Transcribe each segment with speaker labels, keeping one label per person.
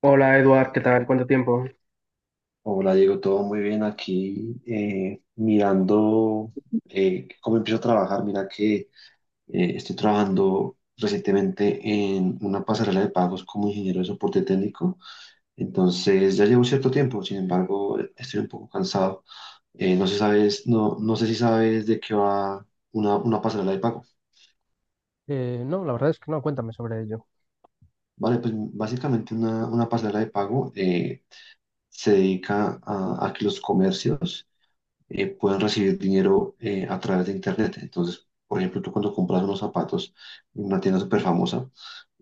Speaker 1: Hola Eduard, ¿qué tal? ¿Cuánto tiempo?
Speaker 2: Hola Diego, todo muy bien aquí, mirando cómo empiezo a trabajar. Mira que estoy trabajando recientemente en una pasarela de pagos como ingeniero de soporte técnico. Entonces ya llevo cierto tiempo, sin embargo estoy un poco cansado. No sé sabes, no, no sé si sabes de qué va una pasarela de pago.
Speaker 1: No, la verdad es que no, cuéntame sobre ello.
Speaker 2: Vale, pues básicamente una pasarela de pago se dedica a que los comercios pueden recibir dinero a través de Internet. Entonces, por ejemplo, tú cuando compras unos zapatos en una tienda súper famosa,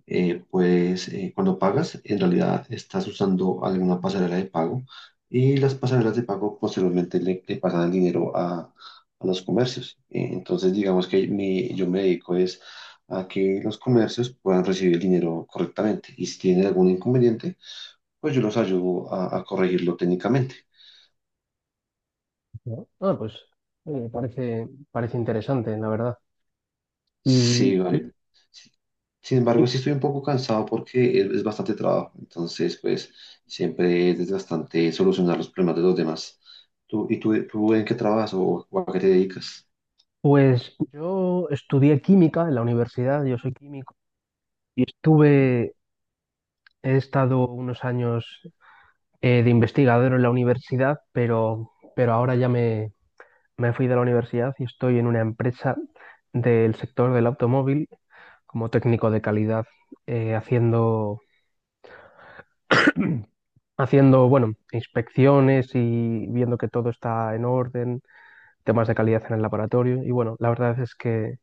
Speaker 2: pues cuando pagas, en realidad estás usando alguna pasarela de pago y las pasarelas de pago posteriormente le pasan el dinero a los comercios. Entonces, digamos que yo me dedico es a que los comercios puedan recibir el dinero correctamente y si tienen algún inconveniente, pues yo los ayudo a corregirlo técnicamente.
Speaker 1: ¿No? Ah, pues oye, parece, parece interesante, la verdad. Y,
Speaker 2: Sí, vale.
Speaker 1: y-
Speaker 2: Sí. Sin embargo,
Speaker 1: y,
Speaker 2: sí estoy un poco cansado porque es bastante trabajo. Entonces, pues, siempre es desgastante solucionar los problemas de los demás. ¿Y tú, en qué trabajas o a qué te dedicas?
Speaker 1: pues yo estudié química en la universidad, yo soy químico, y estuve, he estado unos años de investigador en la universidad, pero ahora ya me fui de la universidad y estoy en una empresa del sector del automóvil como técnico de calidad, haciendo haciendo, bueno, inspecciones y viendo que todo está en orden, temas de calidad en el laboratorio. Y bueno, la verdad es que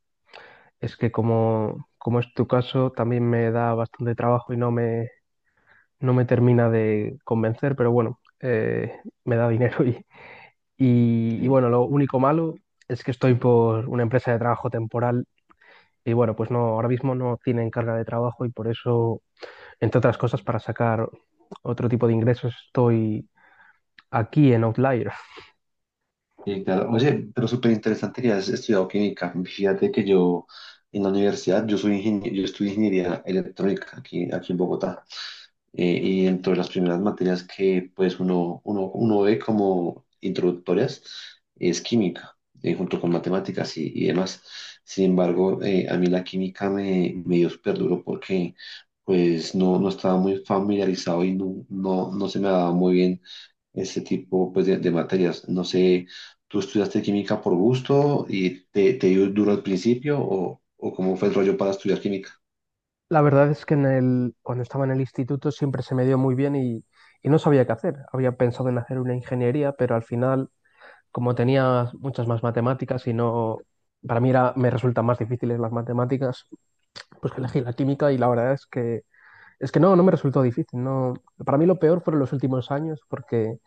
Speaker 1: es que como es tu caso, también me da bastante trabajo y no me, no me termina de convencer, pero bueno, me da dinero y, y
Speaker 2: Sí.
Speaker 1: bueno, lo único malo es que estoy por una empresa de trabajo temporal. Y bueno, pues no, ahora mismo no tienen carga de trabajo y por eso, entre otras cosas, para sacar otro tipo de ingresos estoy aquí en Outlier.
Speaker 2: Sí, claro. Oye, pero súper interesante que has estudiado química. Fíjate que yo en la universidad, yo soy ingeniero, yo estudié ingeniería electrónica aquí en Bogotá. Y dentro de las primeras materias que pues uno ve como introductorias es química, junto con matemáticas y demás. Sin embargo, a mí la química me dio súper duro porque pues no estaba muy familiarizado y no se me daba muy bien ese tipo pues, de materias. No sé, ¿tú estudiaste química por gusto y te dio duro al principio o cómo fue el rollo para estudiar química?
Speaker 1: La verdad es que cuando estaba en el instituto siempre se me dio muy bien y no sabía qué hacer. Había pensado en hacer una ingeniería, pero al final, como tenía muchas más matemáticas y no, para mí era, me resultan más difíciles las matemáticas, pues que elegí la química y la verdad es que no, no me resultó difícil. No. Para mí lo peor fueron los últimos años porque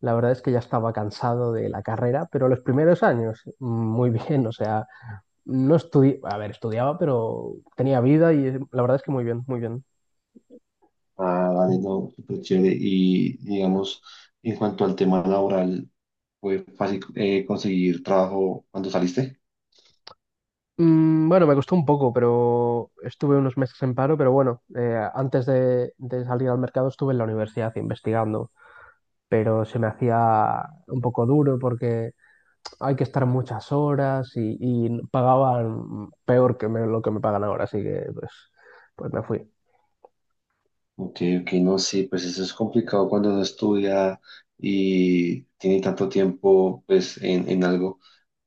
Speaker 1: la verdad es que ya estaba cansado de la carrera, pero los primeros años, muy bien, o sea, no estudié, a ver, estudiaba, pero tenía vida y la verdad es que muy bien, muy bien.
Speaker 2: Ah, vale, no, súper chévere. Y digamos, en cuanto al tema laboral, ¿fue fácil conseguir trabajo cuando saliste?
Speaker 1: Mm, bueno, me costó un poco, pero estuve unos meses en paro, pero bueno, antes de salir al mercado estuve en la universidad investigando, pero se me hacía un poco duro porque hay que estar muchas horas y pagaban peor que lo que me pagan ahora, así que pues me fui.
Speaker 2: Ok, ok, no, sí, pues eso es complicado cuando uno estudia y tiene tanto tiempo pues en algo,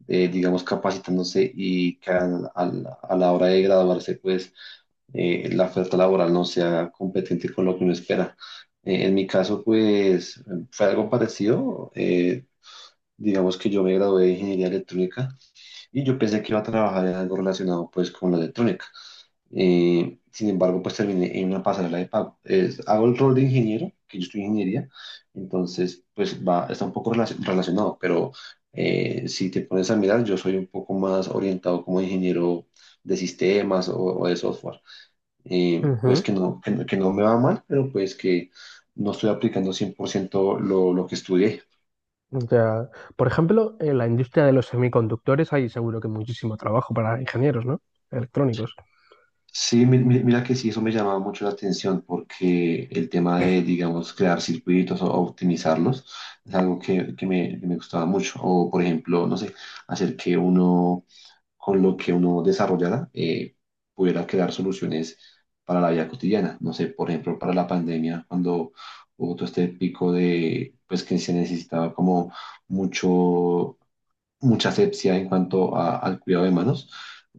Speaker 2: digamos, capacitándose y que a la hora de graduarse pues la oferta laboral no sea competente con lo que uno espera. En mi caso pues fue algo parecido, digamos que yo me gradué de ingeniería electrónica y yo pensé que iba a trabajar en algo relacionado pues con la electrónica. Sin embargo, pues terminé en una pasarela de pago. Hago el rol de ingeniero, que yo estoy ingeniería, entonces pues va, está un poco relacionado, pero si te pones a mirar, yo soy un poco más orientado como ingeniero de sistemas o de software. Pues que
Speaker 1: Ujú.
Speaker 2: no, que, no que no me va mal, pero pues que no estoy aplicando 100% lo que estudié.
Speaker 1: O sea, por ejemplo, en la industria de los semiconductores hay seguro que muchísimo trabajo para ingenieros, ¿no? Electrónicos.
Speaker 2: Sí, mira que sí, eso me llamaba mucho la atención porque el tema de, digamos, crear circuitos o optimizarlos es algo que me gustaba mucho. O, por ejemplo, no sé, hacer que uno, con lo que uno desarrollara, pudiera crear soluciones para la vida cotidiana. No sé, por ejemplo, para la pandemia, cuando hubo todo este pico de, pues que se necesitaba como mucho mucha asepsia en cuanto al cuidado de manos.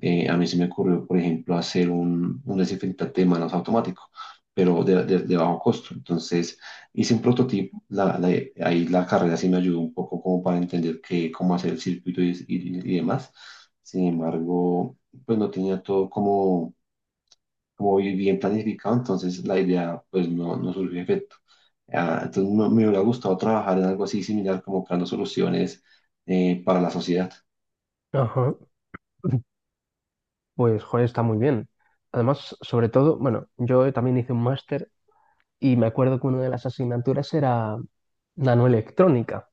Speaker 2: A mí se me ocurrió, por ejemplo, hacer un desinfectante de manos automático, pero de bajo costo. Entonces, hice un prototipo. Ahí la carrera sí me ayudó un poco como para entender qué, cómo hacer el circuito y demás. Sin embargo, pues no tenía todo como bien planificado. Entonces la idea pues no surgió efecto. Ah, entonces me hubiera gustado trabajar en algo así similar, como creando soluciones para la sociedad.
Speaker 1: Ajá. Pues, joder, está muy bien. Además, sobre todo, bueno, yo también hice un máster y me acuerdo que una de las asignaturas era nanoelectrónica.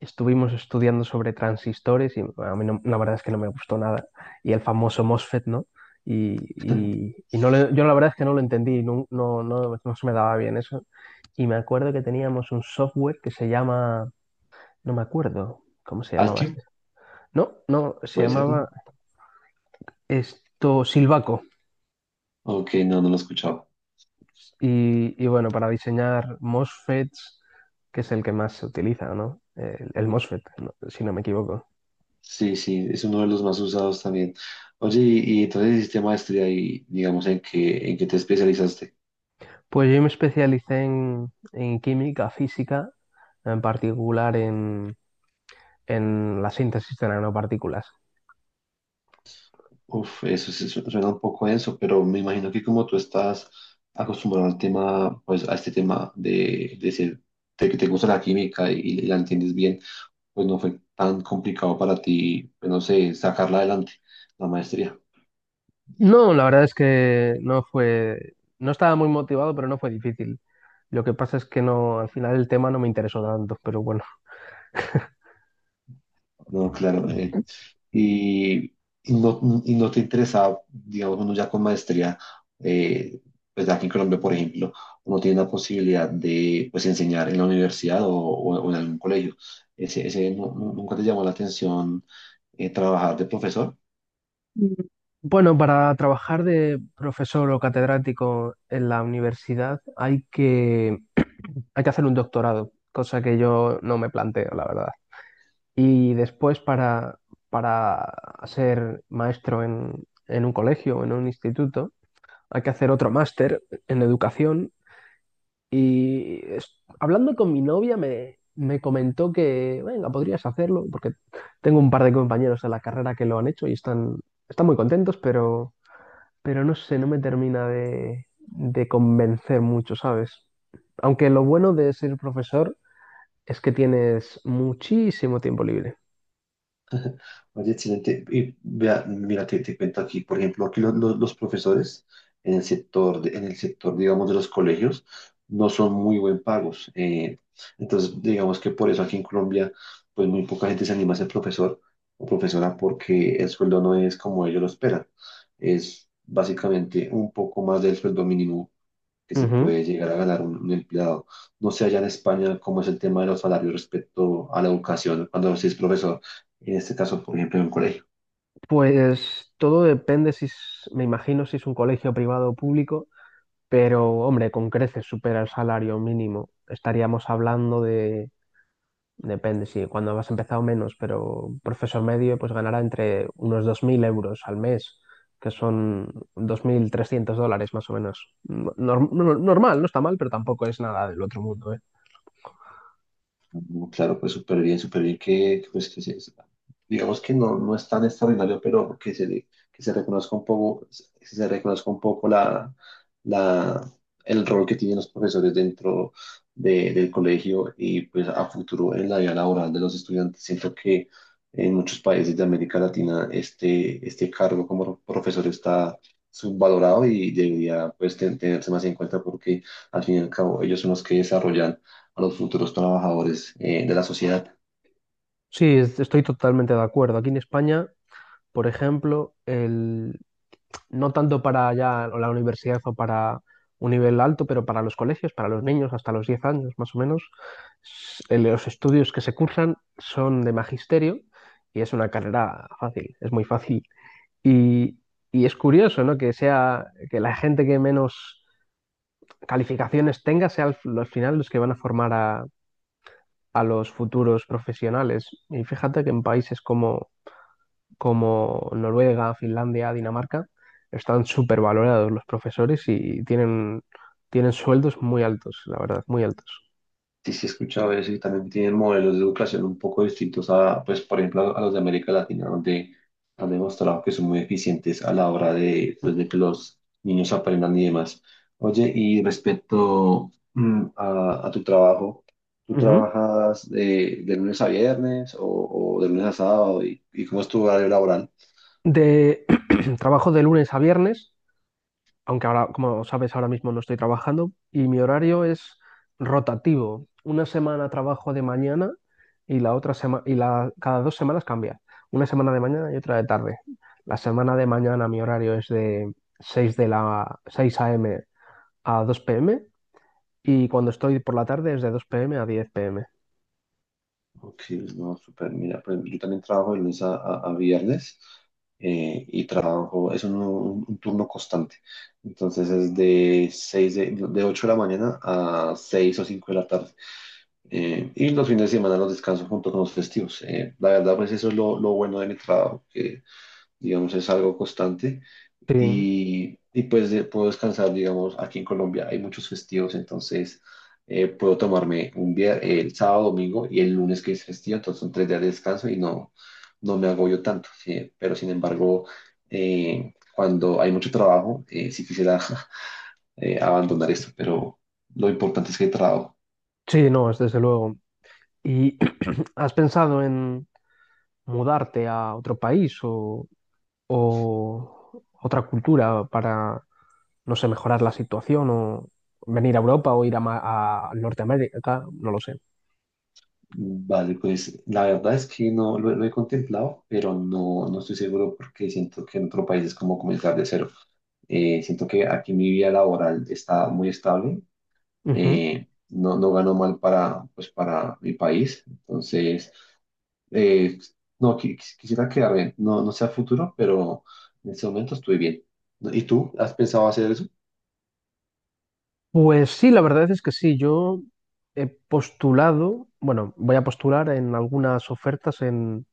Speaker 1: Estuvimos estudiando sobre transistores y a mí la verdad es que no me gustó nada. Y el famoso MOSFET, ¿no? Yo la verdad es que no lo entendí, no, no, no, no se me daba bien eso. Y me acuerdo que teníamos un software que se llama, no me acuerdo cómo se llamaba
Speaker 2: Altium,
Speaker 1: este. No, no, se
Speaker 2: puede ser,
Speaker 1: llamaba
Speaker 2: ¿no?
Speaker 1: esto Silvaco.
Speaker 2: Ok, no, no lo he escuchado.
Speaker 1: Y bueno, para diseñar MOSFETs, que es el que más se utiliza, ¿no? El MOSFET, ¿no? si no me equivoco.
Speaker 2: Sí, sí, es uno de los más usados también. Oye, y entonces hiciste maestría y digamos en qué te especializaste.
Speaker 1: Pues yo me especialicé en química física, en particular en la síntesis de nanopartículas.
Speaker 2: Uf, eso sí suena un poco denso, pero me imagino que como tú estás acostumbrado al tema, pues a este tema de que te gusta la química y la entiendes bien, pues no fue tan complicado para ti, pues, no sé, sacarla adelante, la maestría.
Speaker 1: No, la verdad es que no fue, no estaba muy motivado, pero no fue difícil. Lo que pasa es que no, al final el tema no me interesó tanto, pero bueno.
Speaker 2: No, claro. Y, y no, y no te interesaba, digamos, uno ya con maestría. eh, pues aquí en Colombia, por ejemplo, uno tiene la posibilidad de pues, enseñar en la universidad o en algún colegio. Ese nunca te llamó la atención trabajar de profesor.
Speaker 1: Bueno, para trabajar de profesor o catedrático en la universidad hay que hacer un doctorado, cosa que yo no me planteo, la verdad. Y después para ser maestro en un colegio o en un instituto, hay que hacer otro máster en educación. Y hablando con mi novia me comentó que, venga, podrías hacerlo, porque tengo un par de compañeros de la carrera que lo han hecho y están, están muy contentos, pero no sé, no me termina de convencer mucho, ¿sabes? Aunque lo bueno de ser profesor es que tienes muchísimo tiempo libre.
Speaker 2: Oye, excelente. Y vea, mira, te cuento aquí, por ejemplo, aquí los profesores en el sector, en el sector, digamos, de los colegios, no son muy buen pagos. Entonces, digamos que por eso aquí en Colombia, pues muy poca gente se anima a ser profesor o profesora porque el sueldo no es como ellos lo esperan. Es básicamente un poco más del sueldo mínimo que se
Speaker 1: Ujú.
Speaker 2: puede llegar a ganar un empleado. No sé allá en España cómo es el tema de los salarios respecto a la educación cuando se es profesor, en este caso, por ejemplo, en un colegio.
Speaker 1: Pues todo depende me imagino si es un colegio privado o público, pero hombre, con creces supera el salario mínimo. Estaríamos hablando de, depende si cuando has empezado menos, pero un profesor medio pues ganará entre unos 2000 euros al mes, que son 2300 dólares más o menos. Normal, no está mal, pero tampoco es nada del otro mundo, ¿eh?
Speaker 2: No, claro, pues súper bien que, pues, que se- digamos que no es tan extraordinario, pero que se reconozca un poco, que se reconozca un poco la, el rol que tienen los profesores dentro del colegio y pues a futuro en la vida laboral de los estudiantes. Siento que en muchos países de América Latina este cargo como profesor está subvalorado y debería pues tenerse más en cuenta porque al fin y al cabo ellos son los que desarrollan a los futuros trabajadores de la sociedad.
Speaker 1: Sí, estoy totalmente de acuerdo. Aquí en España por ejemplo, no tanto para ya la universidad o para un nivel alto, pero para los colegios, para los niños hasta los 10 años más o menos, los estudios que se cursan son de magisterio y es una carrera fácil, es muy fácil. Y, y es curioso, ¿no? Que sea que la gente que menos calificaciones tenga sea al final los que van a formar a, los futuros profesionales. Y fíjate que en países como Noruega, Finlandia, Dinamarca, están súper valorados los profesores y tienen, tienen sueldos muy altos, la verdad, muy altos.
Speaker 2: Sí, sí, he escuchado eso y también tienen modelos de educación un poco distintos a, pues, por ejemplo, a, los de América Latina, donde han demostrado que son muy eficientes a la hora de, pues, de que los niños aprendan y demás. Oye, y respecto a tu trabajo. ¿Tú
Speaker 1: Ujú.
Speaker 2: trabajas de lunes a viernes o de lunes a sábado? ¿Y cómo es tu horario laboral?
Speaker 1: De trabajo de lunes a viernes, aunque ahora, como sabes, ahora mismo no estoy trabajando, y mi horario es rotativo. Una semana trabajo de mañana y la otra semana, cada dos semanas cambia. Una semana de mañana y otra de tarde. La semana de mañana mi horario es de 6 de la 6 a.m. a 2 p.m. Y cuando estoy por la tarde es de 2 p.m. a 10 p.m.
Speaker 2: Ok, no, súper. Mira, por ejemplo, yo también trabajo de lunes a viernes. Y trabajo, es un turno constante. Entonces es de 6 de 8 de la mañana a 6 o 5 de la tarde. Y los fines de semana los descanso junto con los festivos. La verdad, pues eso es lo bueno de mi trabajo, que digamos es algo constante
Speaker 1: Sí,
Speaker 2: y pues puedo descansar. Digamos, aquí en Colombia hay muchos festivos. Entonces puedo tomarme un día, el sábado, domingo y el lunes que es festivo. Entonces son 3 días de descanso y no me agobio tanto, sí. Pero sin embargo, cuando hay mucho trabajo, sí quisiera abandonar esto, pero lo importante es que hay trabajo.
Speaker 1: sí, no, es desde luego. ¿Y has pensado en mudarte a otro país o otra cultura para, no sé, mejorar la situación o venir a Europa o ir a Norteamérica? No lo sé.
Speaker 2: Vale, pues la verdad es que no lo he contemplado, pero no, no estoy seguro porque siento que en otro país es como comenzar de cero. Siento que aquí mi vida laboral está muy estable.
Speaker 1: Ujú.
Speaker 2: No, no gano mal para, pues, para mi país. Entonces eh, no quisiera quedarme, no, no sé a futuro, pero en este momento estoy bien. ¿Y tú has pensado hacer eso?
Speaker 1: Pues sí, la verdad es que sí. Yo he postulado, bueno, voy a postular en algunas ofertas en,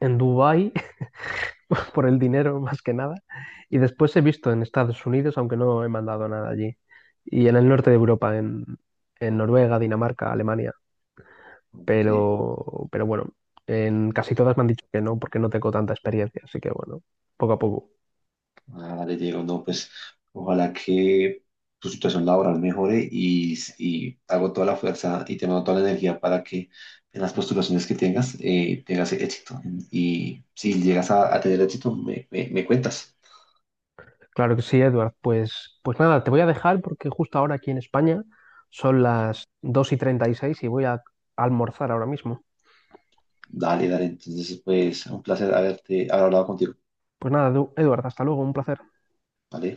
Speaker 1: en Dubái por el dinero más que nada. Y después he visto en Estados Unidos, aunque no he mandado nada allí. Y en el norte de Europa, en Noruega, Dinamarca, Alemania.
Speaker 2: Ok.
Speaker 1: Pero bueno, en casi todas me han dicho que no, porque no tengo tanta experiencia. Así que bueno, poco a poco.
Speaker 2: Vale, Diego, no, pues ojalá que tu situación laboral mejore y hago toda la fuerza y te mando toda la energía para que en las postulaciones que tengas tengas éxito. Y si llegas a tener éxito, me cuentas.
Speaker 1: Claro que sí, Edward. Pues nada, te voy a dejar porque justo ahora aquí en España son las 2 y 36 y seis y voy a almorzar ahora mismo.
Speaker 2: Dale, dale. Entonces, pues un placer haberte haber hablado contigo.
Speaker 1: Pues nada, Edward, hasta luego, un placer.
Speaker 2: ¿Vale?